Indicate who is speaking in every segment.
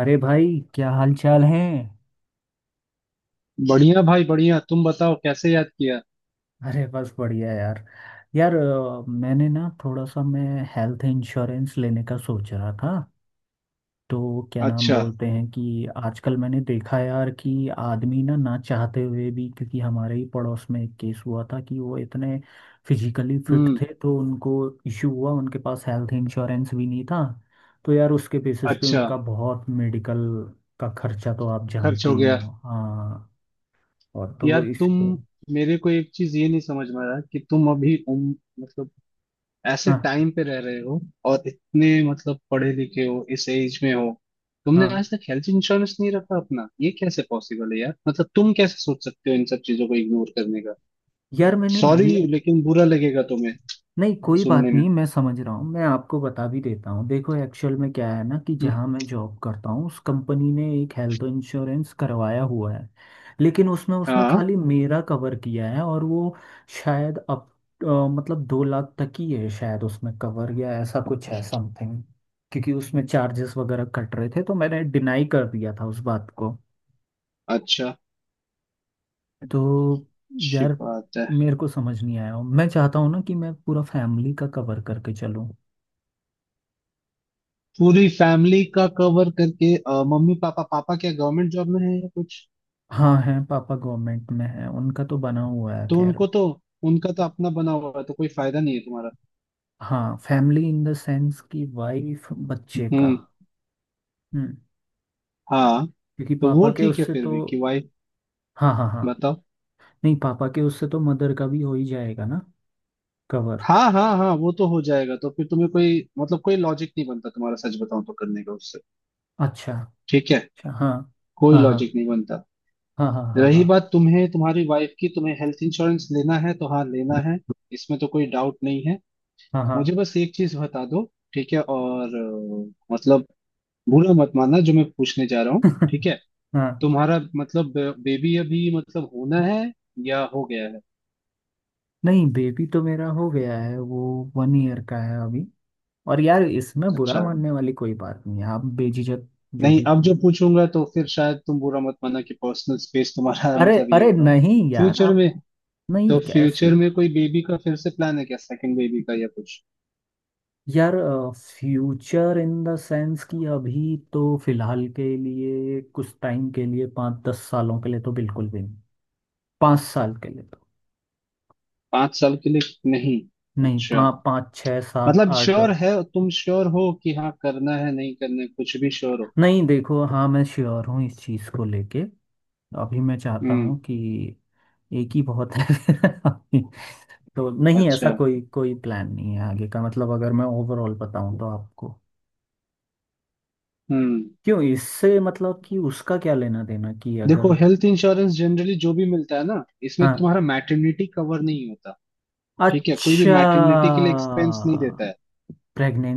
Speaker 1: अरे भाई, क्या हाल चाल है।
Speaker 2: बढ़िया भाई बढ़िया। तुम बताओ कैसे याद किया?
Speaker 1: अरे बस बढ़िया यार। यार मैंने ना थोड़ा सा मैं हेल्थ इंश्योरेंस लेने का सोच रहा था। तो क्या नाम
Speaker 2: अच्छा।
Speaker 1: बोलते हैं कि आजकल मैंने देखा यार कि आदमी ना ना चाहते हुए भी, क्योंकि हमारे ही पड़ोस में एक केस हुआ था कि वो इतने फिजिकली फिट
Speaker 2: हम्म।
Speaker 1: थे तो उनको इश्यू हुआ। उनके पास हेल्थ इंश्योरेंस भी नहीं था, तो यार उसके बेसिस पे
Speaker 2: अच्छा।
Speaker 1: उनका बहुत मेडिकल का खर्चा, तो आप
Speaker 2: खर्च
Speaker 1: जानते
Speaker 2: हो
Speaker 1: ही
Speaker 2: गया?
Speaker 1: हो। हाँ। और तो
Speaker 2: यार
Speaker 1: इस।
Speaker 2: तुम, मेरे को एक चीज ये नहीं समझ में आ रहा कि तुम अभी मतलब ऐसे
Speaker 1: हाँ
Speaker 2: टाइम पे रह रहे हो, और इतने मतलब पढ़े लिखे हो, इस एज में हो, तुमने
Speaker 1: हाँ।
Speaker 2: आज तक हेल्थ इंश्योरेंस नहीं रखा अपना। ये कैसे पॉसिबल है यार? मतलब तुम कैसे सोच सकते हो इन सब चीजों को इग्नोर करने का।
Speaker 1: यार मैंने
Speaker 2: सॉरी,
Speaker 1: लिया।
Speaker 2: लेकिन बुरा लगेगा तुम्हें
Speaker 1: नहीं, कोई बात
Speaker 2: सुनने में।
Speaker 1: नहीं, मैं समझ रहा हूँ, मैं आपको बता भी देता हूँ। देखो एक्चुअल में क्या है ना कि
Speaker 2: हम्म,
Speaker 1: जहाँ मैं जॉब करता हूँ उस कंपनी ने एक हेल्थ इंश्योरेंस करवाया हुआ है। लेकिन उसमें उसने
Speaker 2: हाँ।
Speaker 1: खाली मेरा कवर किया है और वो शायद अब मतलब 2 लाख तक ही है शायद उसमें कवर, या ऐसा कुछ है समथिंग। क्योंकि उसमें चार्जेस वगैरह कट रहे थे तो मैंने डिनाई कर दिया था उस बात को।
Speaker 2: अच्छा,
Speaker 1: तो
Speaker 2: अच्छी
Speaker 1: यार
Speaker 2: बात है।
Speaker 1: मेरे को समझ नहीं आया, मैं चाहता हूँ ना कि मैं पूरा फैमिली का कवर करके चलूँ।
Speaker 2: पूरी फैमिली का कवर करके मम्मी पापा, पापा क्या गवर्नमेंट जॉब में है या कुछ?
Speaker 1: हाँ, हैं, पापा गवर्नमेंट में है, उनका तो बना हुआ है
Speaker 2: तो
Speaker 1: खैर।
Speaker 2: उनको तो, उनका तो अपना बना हुआ है तो कोई फायदा नहीं है तुम्हारा।
Speaker 1: हाँ, फैमिली इन द सेंस कि वाइफ बच्चे का।
Speaker 2: हम्म।
Speaker 1: हम्म।
Speaker 2: हाँ।
Speaker 1: क्योंकि
Speaker 2: तो
Speaker 1: पापा
Speaker 2: वो
Speaker 1: के
Speaker 2: ठीक है
Speaker 1: उससे
Speaker 2: फिर
Speaker 1: तो।
Speaker 2: भी कि वाइफ।
Speaker 1: हाँ हाँ हाँ।
Speaker 2: बताओ।
Speaker 1: नहीं, पापा के उससे तो मदर का भी हो ही जाएगा ना, कवर।
Speaker 2: हाँ हाँ हाँ, वो तो हो जाएगा। तो फिर तुम्हें कोई मतलब कोई लॉजिक नहीं बनता तुम्हारा, सच बताऊं तो, करने का उससे।
Speaker 1: अच्छा।
Speaker 2: ठीक है।
Speaker 1: अच्छा हाँ।
Speaker 2: कोई
Speaker 1: हाँ हाँ।
Speaker 2: लॉजिक नहीं बनता।
Speaker 1: हाँ हाँ हाँ।
Speaker 2: रही बात तुम्हें तुम्हारी वाइफ की, तुम्हें हेल्थ इंश्योरेंस लेना है तो हाँ लेना है, इसमें तो कोई डाउट नहीं है।
Speaker 1: हाँ हाँ हाँ।
Speaker 2: मुझे बस एक चीज बता दो, ठीक है। और मतलब बुरा मत मानना जो मैं पूछने जा रहा हूँ, ठीक है?
Speaker 1: हाँ।
Speaker 2: तुम्हारा मतलब बेबी अभी मतलब होना है या हो गया है?
Speaker 1: नहीं, बेबी तो मेरा हो गया है, वो 1 ईयर का है अभी। और यार इसमें बुरा
Speaker 2: अच्छा।
Speaker 1: मानने वाली कोई बात नहीं है, आप बेझिझक जो
Speaker 2: नहीं,
Speaker 1: भी।
Speaker 2: अब जो पूछूंगा तो फिर शायद तुम बुरा मत मानना कि पर्सनल स्पेस तुम्हारा
Speaker 1: अरे
Speaker 2: मतलब ये
Speaker 1: अरे,
Speaker 2: हो रहा हूँ।
Speaker 1: नहीं यार
Speaker 2: फ्यूचर
Speaker 1: आप,
Speaker 2: में,
Speaker 1: नहीं
Speaker 2: तो
Speaker 1: कैसी।
Speaker 2: फ्यूचर में कोई बेबी का फिर से प्लान है क्या, सेकंड बेबी का या कुछ?
Speaker 1: यार, फ्यूचर इन द सेंस कि अभी तो फिलहाल के लिए, कुछ टाइम के लिए, 5-10 सालों के लिए तो बिल्कुल भी नहीं। 5 साल के लिए तो
Speaker 2: 5 साल के लिए नहीं?
Speaker 1: नहीं,
Speaker 2: अच्छा।
Speaker 1: पाँच छः सात
Speaker 2: मतलब
Speaker 1: आठ
Speaker 2: श्योर है, तुम श्योर हो कि हाँ करना है नहीं करना है कुछ भी श्योर हो?
Speaker 1: नहीं देखो, हाँ, मैं श्योर हूँ इस चीज़ को लेके। अभी मैं चाहता
Speaker 2: हम्म।
Speaker 1: हूँ कि एक ही बहुत है। तो नहीं, ऐसा
Speaker 2: अच्छा।
Speaker 1: कोई कोई प्लान नहीं है आगे का, मतलब अगर मैं ओवरऑल बताऊं तो आपको।
Speaker 2: हम्म।
Speaker 1: क्यों, इससे मतलब कि उसका क्या लेना देना, कि
Speaker 2: देखो
Speaker 1: अगर।
Speaker 2: हेल्थ इंश्योरेंस जनरली जो भी मिलता है ना, इसमें
Speaker 1: हाँ।
Speaker 2: तुम्हारा मैटरनिटी कवर नहीं होता, ठीक है। कोई भी
Speaker 1: अच्छा।
Speaker 2: मैटरनिटी के लिए एक्सपेंस नहीं देता है।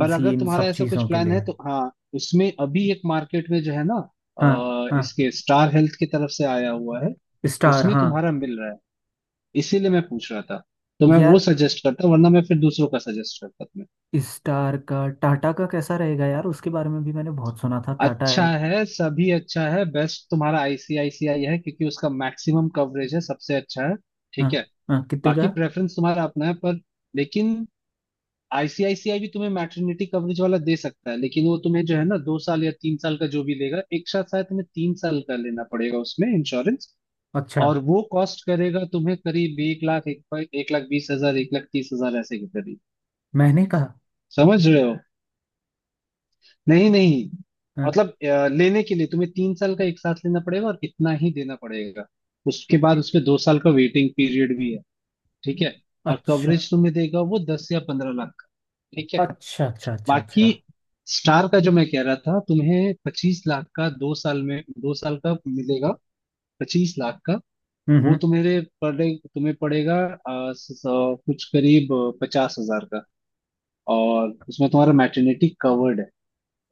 Speaker 2: पर अगर
Speaker 1: इन
Speaker 2: तुम्हारा
Speaker 1: सब
Speaker 2: ऐसा कुछ
Speaker 1: चीज़ों के
Speaker 2: प्लान है
Speaker 1: लिए।
Speaker 2: तो हाँ, उसमें अभी एक मार्केट में जो है ना,
Speaker 1: हाँ हाँ।
Speaker 2: इसके स्टार हेल्थ की तरफ से आया हुआ है,
Speaker 1: स्टार,
Speaker 2: उसमें
Speaker 1: हाँ।
Speaker 2: तुम्हारा मिल रहा है, इसीलिए मैं पूछ रहा था। तो मैं वो
Speaker 1: यार
Speaker 2: सजेस्ट करता, वरना मैं फिर दूसरों का सजेस्ट करता तुम्हें।
Speaker 1: स्टार का, टाटा का कैसा रहेगा यार, उसके बारे में भी मैंने बहुत सुना था, टाटा
Speaker 2: अच्छा
Speaker 1: है।
Speaker 2: है, सभी अच्छा है, बेस्ट तुम्हारा आईसीआईसीआई है क्योंकि उसका मैक्सिमम कवरेज है, सबसे अच्छा है,
Speaker 1: हाँ
Speaker 2: ठीक है।
Speaker 1: हाँ, कितने का।
Speaker 2: बाकी प्रेफरेंस तुम्हारा अपना है, पर, लेकिन आईसीआईसीआई भी तुम्हें मैटरनिटी कवरेज वाला दे सकता है, लेकिन वो तुम्हें जो है ना 2 साल या 3 साल का जो भी लेगा एक साथ, शायद तुम्हें 3 साल का लेना पड़ेगा उसमें इंश्योरेंस।
Speaker 1: अच्छा।
Speaker 2: और वो कॉस्ट करेगा तुम्हें करीब 1 लाख, 1 लाख 20 हजार, 1 लाख 30 हजार ऐसे के करीब।
Speaker 1: मैंने कहा।
Speaker 2: समझ रहे हो? नहीं नहीं,
Speaker 1: हाँ।
Speaker 2: मतलब लेने के लिए तुम्हें तीन साल का एक साथ लेना पड़ेगा और इतना ही देना पड़ेगा।
Speaker 1: ए,
Speaker 2: उसके बाद
Speaker 1: ए,
Speaker 2: उसमें 2 साल का वेटिंग पीरियड भी है, ठीक है। और
Speaker 1: अच्छा
Speaker 2: कवरेज तुम्हें देगा वो 10 या 15 लाख का, ठीक है।
Speaker 1: अच्छा अच्छा अच्छा।
Speaker 2: बाकी
Speaker 1: अच्छा।
Speaker 2: स्टार का जो मैं कह रहा था तुम्हें, 25 लाख का 2 साल में, 2 साल का मिलेगा 25 लाख का। वो
Speaker 1: हम्म।
Speaker 2: तुम्हारे पड़े, तुम्हें पड़ेगा कुछ करीब 50,000 का, और उसमें तुम्हारा मैटरनिटी कवर्ड है।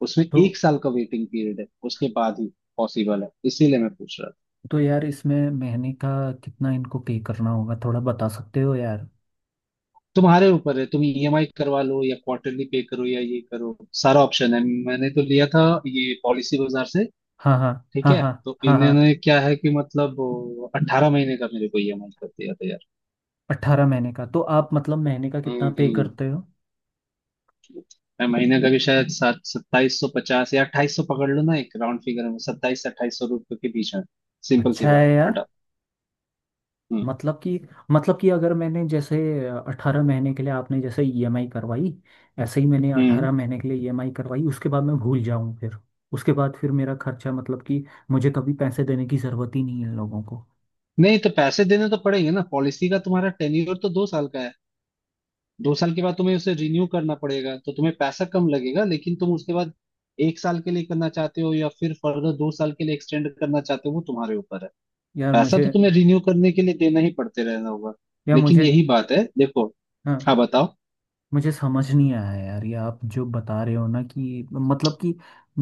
Speaker 2: उसमें
Speaker 1: तो।
Speaker 2: 1 साल का वेटिंग पीरियड है, उसके बाद ही पॉसिबल है, इसीलिए मैं पूछ रहा था।
Speaker 1: तो यार इसमें महीने का कितना इनको पे करना होगा, थोड़ा बता सकते हो यार।
Speaker 2: तुम्हारे ऊपर है, तुम ईएमआई करवा लो या क्वार्टरली पे करो या ये करो, सारा ऑप्शन है। मैंने तो लिया था ये पॉलिसी बाजार से,
Speaker 1: हाँ हाँ
Speaker 2: ठीक
Speaker 1: हाँ
Speaker 2: है।
Speaker 1: हाँ
Speaker 2: तो
Speaker 1: हाँ हाँ।
Speaker 2: इन्होंने क्या है कि मतलब 18 महीने का मेरे को ईएमआई कर दिया था यार।
Speaker 1: 18 महीने का, तो आप मतलब महीने का कितना पे
Speaker 2: हम्म।
Speaker 1: करते हो।
Speaker 2: मैं महीने का भी शायद सात 2750 या 2800 पकड़ लो ना, एक राउंड फिगर में 2700 से 2800 रुपये के बीच में। सिंपल सी
Speaker 1: अच्छा है
Speaker 2: बात
Speaker 1: यार।
Speaker 2: हटा। हम्म।
Speaker 1: मतलब कि, मतलब कि अगर मैंने जैसे 18 महीने के लिए आपने जैसे ईएमआई करवाई, ऐसे ही मैंने
Speaker 2: हम्म।
Speaker 1: 18 महीने के लिए ईएमआई करवाई, उसके बाद मैं भूल जाऊँ फिर। उसके बाद फिर मेरा खर्चा, मतलब कि मुझे कभी पैसे देने की ज़रूरत ही नहीं है लोगों को।
Speaker 2: नहीं तो पैसे देने तो पड़ेंगे ना, पॉलिसी का तुम्हारा टेन्योर तो 2 साल का है। 2 साल के बाद तुम्हें उसे रिन्यू करना पड़ेगा, तो तुम्हें पैसा कम लगेगा, लेकिन तुम उसके बाद 1 साल के लिए करना चाहते हो या फिर फर्दर 2 साल के लिए एक्सटेंड करना चाहते हो, वो तुम्हारे ऊपर है।
Speaker 1: यार
Speaker 2: पैसा
Speaker 1: मुझे,
Speaker 2: तो तुम्हें रिन्यू करने के लिए देना ही पड़ते रहना होगा।
Speaker 1: या
Speaker 2: लेकिन
Speaker 1: मुझे।
Speaker 2: यही बात है देखो। हाँ
Speaker 1: हाँ।
Speaker 2: बताओ।
Speaker 1: मुझे समझ नहीं आया यार, ये आप जो बता रहे हो ना, कि मतलब कि,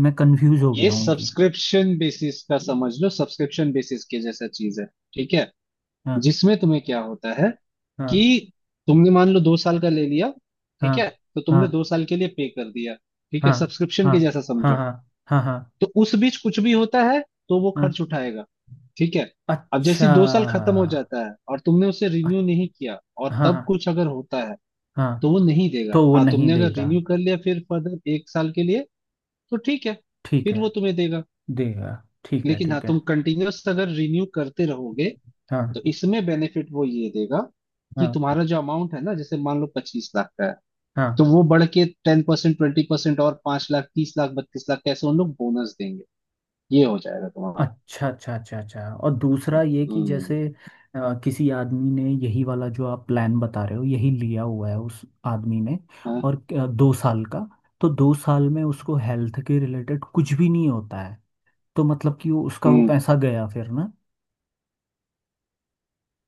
Speaker 1: मैं कंफ्यूज हो
Speaker 2: ये
Speaker 1: गया हूँ कि।
Speaker 2: सब्सक्रिप्शन बेसिस का समझ लो, सब्सक्रिप्शन बेसिस के जैसा चीज है, ठीक है,
Speaker 1: हाँ
Speaker 2: जिसमें तुम्हें क्या होता है
Speaker 1: हाँ
Speaker 2: कि तुमने मान लो 2 साल का ले लिया, ठीक
Speaker 1: हाँ
Speaker 2: है, तो
Speaker 1: हाँ
Speaker 2: तुमने 2 साल के लिए पे कर दिया, ठीक है,
Speaker 1: हाँ
Speaker 2: सब्सक्रिप्शन
Speaker 1: हाँ
Speaker 2: के जैसा
Speaker 1: हाँ
Speaker 2: समझो।
Speaker 1: हाँ हाँ हाँ
Speaker 2: तो उस बीच कुछ भी होता है तो वो
Speaker 1: हाँ।
Speaker 2: खर्च उठाएगा, ठीक है। अब
Speaker 1: अच्छा।
Speaker 2: जैसे ही 2 साल खत्म हो जाता है और तुमने उसे
Speaker 1: अ-
Speaker 2: रिन्यू नहीं किया, और तब
Speaker 1: हाँ
Speaker 2: कुछ अगर होता है तो
Speaker 1: हाँ।
Speaker 2: वो नहीं देगा।
Speaker 1: तो वो
Speaker 2: हाँ,
Speaker 1: नहीं
Speaker 2: तुमने अगर
Speaker 1: देगा।
Speaker 2: रिन्यू कर लिया फिर फर्दर 1 साल के लिए तो ठीक है,
Speaker 1: ठीक
Speaker 2: फिर
Speaker 1: है।
Speaker 2: वो तुम्हें देगा।
Speaker 1: देगा। ठीक है
Speaker 2: लेकिन हाँ
Speaker 1: ठीक है।
Speaker 2: तुम कंटिन्यूअस अगर रिन्यू करते रहोगे
Speaker 1: हाँ
Speaker 2: तो इसमें बेनिफिट वो ये देगा कि
Speaker 1: हाँ
Speaker 2: तुम्हारा जो अमाउंट है ना, जैसे मान लो 25 लाख का है,
Speaker 1: हाँ।
Speaker 2: तो वो बढ़ के 10% 20% और 5 लाख 30 लाख 32 लाख कैसे उन लोग बोनस देंगे। ये हो जाएगा तुम्हारा।
Speaker 1: अच्छा अच्छा अच्छा अच्छा, और दूसरा ये कि
Speaker 2: हम्म।
Speaker 1: जैसे किसी आदमी ने यही वाला जो आप प्लान बता रहे हो यही लिया हुआ है उस आदमी ने,
Speaker 2: हाँ,
Speaker 1: और 2 साल का। तो 2 साल में उसको हेल्थ के रिलेटेड कुछ भी नहीं होता है, तो मतलब कि वो उसका वो
Speaker 2: हम्म।
Speaker 1: पैसा गया फिर ना।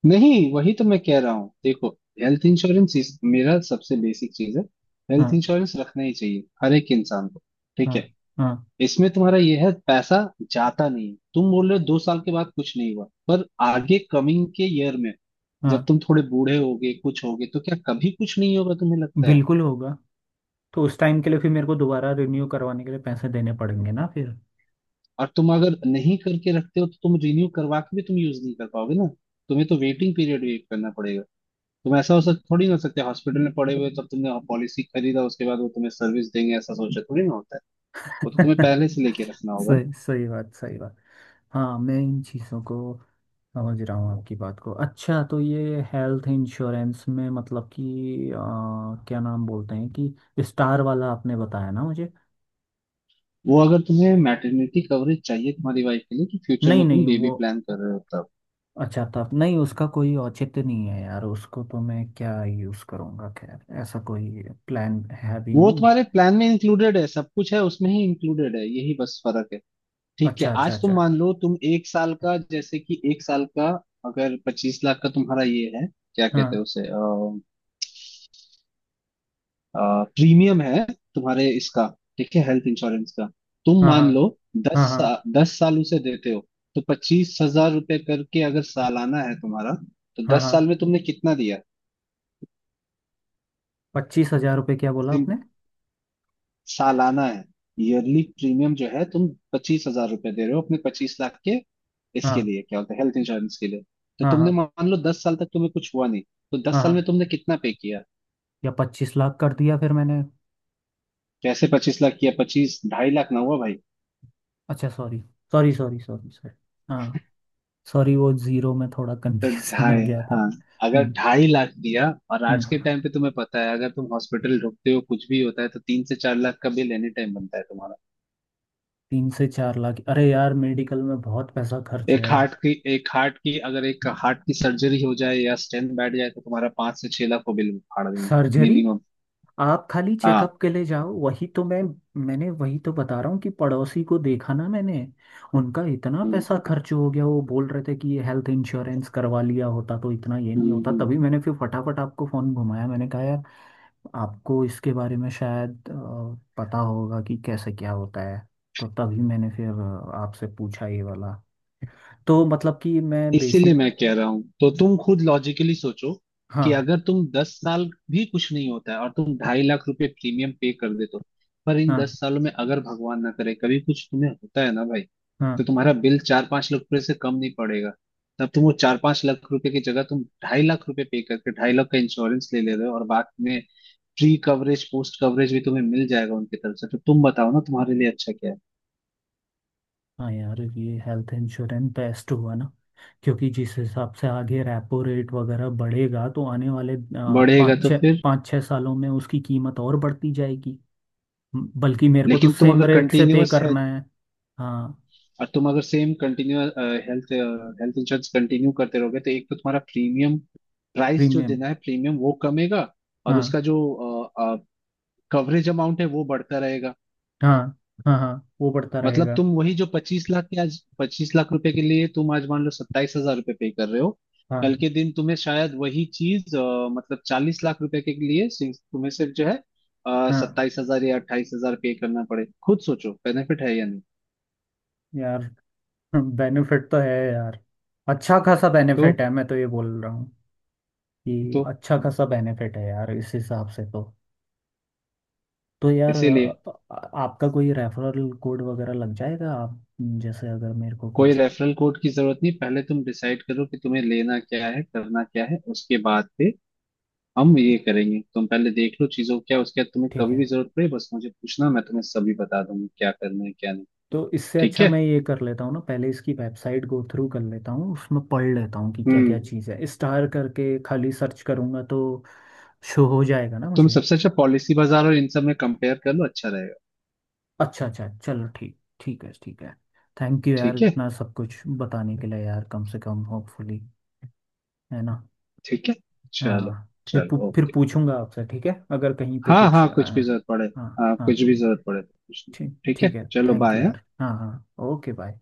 Speaker 2: नहीं वही तो मैं कह रहा हूँ देखो, हेल्थ इंश्योरेंस मेरा सबसे बेसिक चीज है। हेल्थ
Speaker 1: हाँ
Speaker 2: इंश्योरेंस रखना ही चाहिए हर एक इंसान को, ठीक
Speaker 1: हाँ
Speaker 2: है।
Speaker 1: हाँ
Speaker 2: इसमें तुम्हारा यह है, पैसा जाता नहीं है। तुम बोल रहे हो 2 साल के बाद कुछ नहीं हुआ, पर आगे कमिंग के ईयर में जब
Speaker 1: हाँ।
Speaker 2: तुम थोड़े बूढ़े होगे कुछ होगे तो क्या कभी कुछ नहीं होगा तुम्हें लगता है?
Speaker 1: बिल्कुल होगा, तो उस टाइम के लिए फिर मेरे को दोबारा रिन्यू करवाने के लिए पैसे देने पड़ेंगे ना फिर।
Speaker 2: और तुम अगर नहीं करके रखते हो तो तुम रिन्यू करवा के भी तुम यूज नहीं कर पाओगे ना, तुम्हें तो वेटिंग पीरियड वेट करना पड़ेगा। तुम ऐसा हो सक थोड़ी ना हो सकते हॉस्पिटल में पड़े हुए, तब तुमने पॉलिसी खरीदा उसके बाद वो तुम्हें सर्विस देंगे, ऐसा सोचा थोड़ी ना होता है। वो तो तुम्हें पहले से लेके रखना होगा ना।
Speaker 1: सही, सही बात, सही बात। हाँ, मैं इन चीज़ों को समझ रहा हूँ, आपकी बात को। अच्छा, तो ये हेल्थ इंश्योरेंस में मतलब कि क्या नाम बोलते हैं, कि स्टार वाला आपने बताया ना मुझे।
Speaker 2: वो अगर तुम्हें मैटरनिटी कवरेज चाहिए तुम्हारी वाइफ के लिए कि फ्यूचर
Speaker 1: नहीं
Speaker 2: में तुम
Speaker 1: नहीं,
Speaker 2: बेबी
Speaker 1: वो
Speaker 2: प्लान कर रहे हो, तब
Speaker 1: अच्छा था, नहीं उसका कोई औचित्य नहीं है यार, उसको तो मैं क्या यूज़ करूँगा, खैर ऐसा कोई प्लान है भी
Speaker 2: वो
Speaker 1: नहीं।
Speaker 2: तुम्हारे प्लान में इंक्लूडेड है, सब कुछ है उसमें ही इंक्लूडेड है, यही बस फर्क है। ठीक है,
Speaker 1: अच्छा अच्छा
Speaker 2: आज तुम
Speaker 1: अच्छा।
Speaker 2: मान लो तुम 1 साल का, जैसे कि 1 साल का अगर 25 लाख का तुम्हारा ये है, क्या कहते
Speaker 1: हाँ
Speaker 2: हैं उसे, प्रीमियम है तुम्हारे इसका, ठीक है, हेल्थ इंश्योरेंस का। तुम
Speaker 1: हाँ हाँ
Speaker 2: मान लो
Speaker 1: हाँ हाँ
Speaker 2: दस साल उसे देते हो, तो 25,000 रुपये करके अगर सालाना है तुम्हारा, तो
Speaker 1: हाँ
Speaker 2: दस
Speaker 1: हाँ।
Speaker 2: साल में तुमने कितना दिया?
Speaker 1: 25,000 रुपये क्या बोला आपने।
Speaker 2: सिम- सालाना है, ईयरली प्रीमियम जो है तुम 25,000 रुपये दे रहे हो अपने 25 लाख के इसके
Speaker 1: हाँ
Speaker 2: लिए, क्या होता है हेल्थ इंश्योरेंस के लिए। तो
Speaker 1: हाँ हाँ
Speaker 2: तुमने मान लो 10 साल तक तुम्हें कुछ हुआ नहीं, तो दस
Speaker 1: हाँ
Speaker 2: साल में
Speaker 1: हाँ।
Speaker 2: तुमने कितना पे किया?
Speaker 1: या 25 लाख कर दिया फिर मैंने।
Speaker 2: कैसे 25 लाख किया, पच्चीस, 2.5 लाख ना हुआ भाई?
Speaker 1: अच्छा sorry, sorry sorry sorry sorry. हाँ। सॉरी, वो जीरो में थोड़ा
Speaker 2: तो
Speaker 1: कंफ्यूजन हो
Speaker 2: ढाई,
Speaker 1: गया था।
Speaker 2: हाँ, अगर
Speaker 1: हम्म
Speaker 2: 2.5 लाख दिया, और
Speaker 1: हम्म।
Speaker 2: आज के टाइम पे तुम्हें पता है अगर तुम हॉस्पिटल ढुकते हो कुछ भी होता है तो 3 से 4 लाख का बिल एनी टाइम बनता है तुम्हारा।
Speaker 1: 3 से 4 लाख, अरे यार मेडिकल में बहुत पैसा खर्च है।
Speaker 2: एक हार्ट की अगर एक हार्ट की सर्जरी हो जाए या स्टेंट बैठ जाए तो तुम्हारा 5 से 6 लाख को बिल फाड़ देंगे,
Speaker 1: सर्जरी।
Speaker 2: मिनिमम।
Speaker 1: आप खाली
Speaker 2: हाँ।
Speaker 1: चेकअप के लिए जाओ, वही तो मैं, मैंने वही तो बता रहा हूँ कि पड़ोसी को देखा ना मैंने, उनका इतना
Speaker 2: हम्म।
Speaker 1: पैसा खर्च हो गया, वो बोल रहे थे कि ये हेल्थ इंश्योरेंस करवा लिया होता तो इतना ये नहीं
Speaker 2: हम्म।
Speaker 1: होता, तभी
Speaker 2: हम्म।
Speaker 1: मैंने फिर फटाफट आपको फोन घुमाया, मैंने कहा यार आपको इसके बारे में शायद पता होगा कि कैसे क्या होता है, तो तभी मैंने फिर आपसे पूछा ये वाला। तो मतलब कि मैं
Speaker 2: इसीलिए
Speaker 1: बेसिक।
Speaker 2: मैं कह रहा हूं, तो तुम खुद लॉजिकली सोचो कि
Speaker 1: हाँ
Speaker 2: अगर तुम 10 साल भी कुछ नहीं होता है और तुम 2.5 लाख रुपए प्रीमियम पे कर देते हो, पर इन
Speaker 1: हाँ
Speaker 2: 10 सालों में अगर भगवान ना करे कभी कुछ तुम्हें होता है ना भाई,
Speaker 1: हाँ।
Speaker 2: तो तुम्हारा बिल 4-5 लाख रुपए से कम नहीं पड़ेगा। तब तुम वो 4-5 लाख रुपए की जगह तुम 2.5 लाख रुपए पे करके 2.5 लाख का इंश्योरेंस ले ले रहे हो, और बाद में प्री कवरेज पोस्ट कवरेज भी तुम्हें मिल जाएगा उनकी तरफ से, तो तुम बताओ ना तुम्हारे लिए अच्छा क्या है।
Speaker 1: हाँ यार, ये हेल्थ इंश्योरेंस बेस्ट हुआ ना, क्योंकि जिस हिसाब से आगे रेपो रेट वगैरह बढ़ेगा तो आने वाले
Speaker 2: बढ़ेगा
Speaker 1: पाँच
Speaker 2: तो
Speaker 1: छः
Speaker 2: फिर,
Speaker 1: पाँच छः सालों में उसकी कीमत और बढ़ती जाएगी। बल्कि मेरे को तो
Speaker 2: लेकिन तुम
Speaker 1: सेम
Speaker 2: अगर
Speaker 1: रेट से पे
Speaker 2: कंटिन्यूअस है
Speaker 1: करना है। हाँ।
Speaker 2: और तुम अगर same continue health health insurance continue करते रहोगे तो एक तो तुम्हारा प्रीमियम प्राइस जो
Speaker 1: प्रीमियम।
Speaker 2: देना है, प्रीमियम वो कमेगा, और
Speaker 1: हाँ
Speaker 2: उसका जो कवरेज अमाउंट है वो बढ़ता रहेगा।
Speaker 1: हाँ हाँ हाँ, वो बढ़ता
Speaker 2: मतलब
Speaker 1: रहेगा।
Speaker 2: तुम वही जो 25 लाख के, आज 25 लाख रुपए के लिए तुम आज मान लो 27,000 रुपये पे कर रहे हो,
Speaker 1: हाँ
Speaker 2: कल के दिन तुम्हें शायद वही चीज मतलब 40 लाख रुपए के लिए तुम्हें सिर्फ जो है
Speaker 1: हाँ।
Speaker 2: 27,000 या 28,000 पे करना पड़े। खुद सोचो बेनिफिट है या नहीं।
Speaker 1: यार बेनिफिट तो है यार, अच्छा खासा
Speaker 2: तो
Speaker 1: बेनिफिट है, मैं तो ये बोल रहा हूँ कि
Speaker 2: तो
Speaker 1: अच्छा खासा बेनिफिट है यार, इस हिसाब से तो। तो यार
Speaker 2: इसीलिए
Speaker 1: आपका कोई रेफरल कोड वगैरह लग जाएगा, आप जैसे अगर मेरे को
Speaker 2: कोई
Speaker 1: कुछ।
Speaker 2: रेफरल कोड की जरूरत नहीं। पहले तुम डिसाइड करो कि तुम्हें लेना क्या है करना क्या है, उसके बाद पे हम ये करेंगे। तुम पहले देख लो चीजों को क्या, उसके बाद तुम्हें
Speaker 1: ठीक
Speaker 2: कभी
Speaker 1: है,
Speaker 2: भी जरूरत पड़े बस मुझे पूछना, मैं तुम्हें सभी बता दूंगा क्या करना है क्या नहीं।
Speaker 1: तो इससे
Speaker 2: ठीक
Speaker 1: अच्छा
Speaker 2: है।
Speaker 1: मैं ये कर लेता हूँ ना, पहले इसकी वेबसाइट गो थ्रू कर लेता हूँ, उसमें पढ़ लेता हूँ कि क्या
Speaker 2: हम्म।
Speaker 1: क्या चीज़ है, स्टार करके खाली सर्च करूँगा तो शो हो जाएगा ना
Speaker 2: तुम
Speaker 1: मुझे।
Speaker 2: सबसे अच्छा पॉलिसी बाजार और इन सब में कंपेयर कर लो, अच्छा रहेगा।
Speaker 1: अच्छा अच्छा, चलो ठीक, ठीक है ठीक है। थैंक यू यार,
Speaker 2: ठीक है।
Speaker 1: इतना सब कुछ बताने के लिए यार, कम से कम होपफुली, है ना।
Speaker 2: ठीक है। चलो,
Speaker 1: हाँ, फिर
Speaker 2: चलो
Speaker 1: फिर
Speaker 2: ओके।
Speaker 1: पूछूंगा आपसे, ठीक है, अगर कहीं पे
Speaker 2: हाँ
Speaker 1: कुछ
Speaker 2: हाँ कुछ भी जरूरत पड़े।
Speaker 1: हाँ
Speaker 2: हाँ
Speaker 1: हाँ।
Speaker 2: कुछ भी जरूरत पड़े तो पूछना।
Speaker 1: ठीक,
Speaker 2: ठीक
Speaker 1: ठीक
Speaker 2: है,
Speaker 1: है।
Speaker 2: चलो
Speaker 1: थैंक यू
Speaker 2: बाय।
Speaker 1: यार, हाँ हाँ, ओके बाय।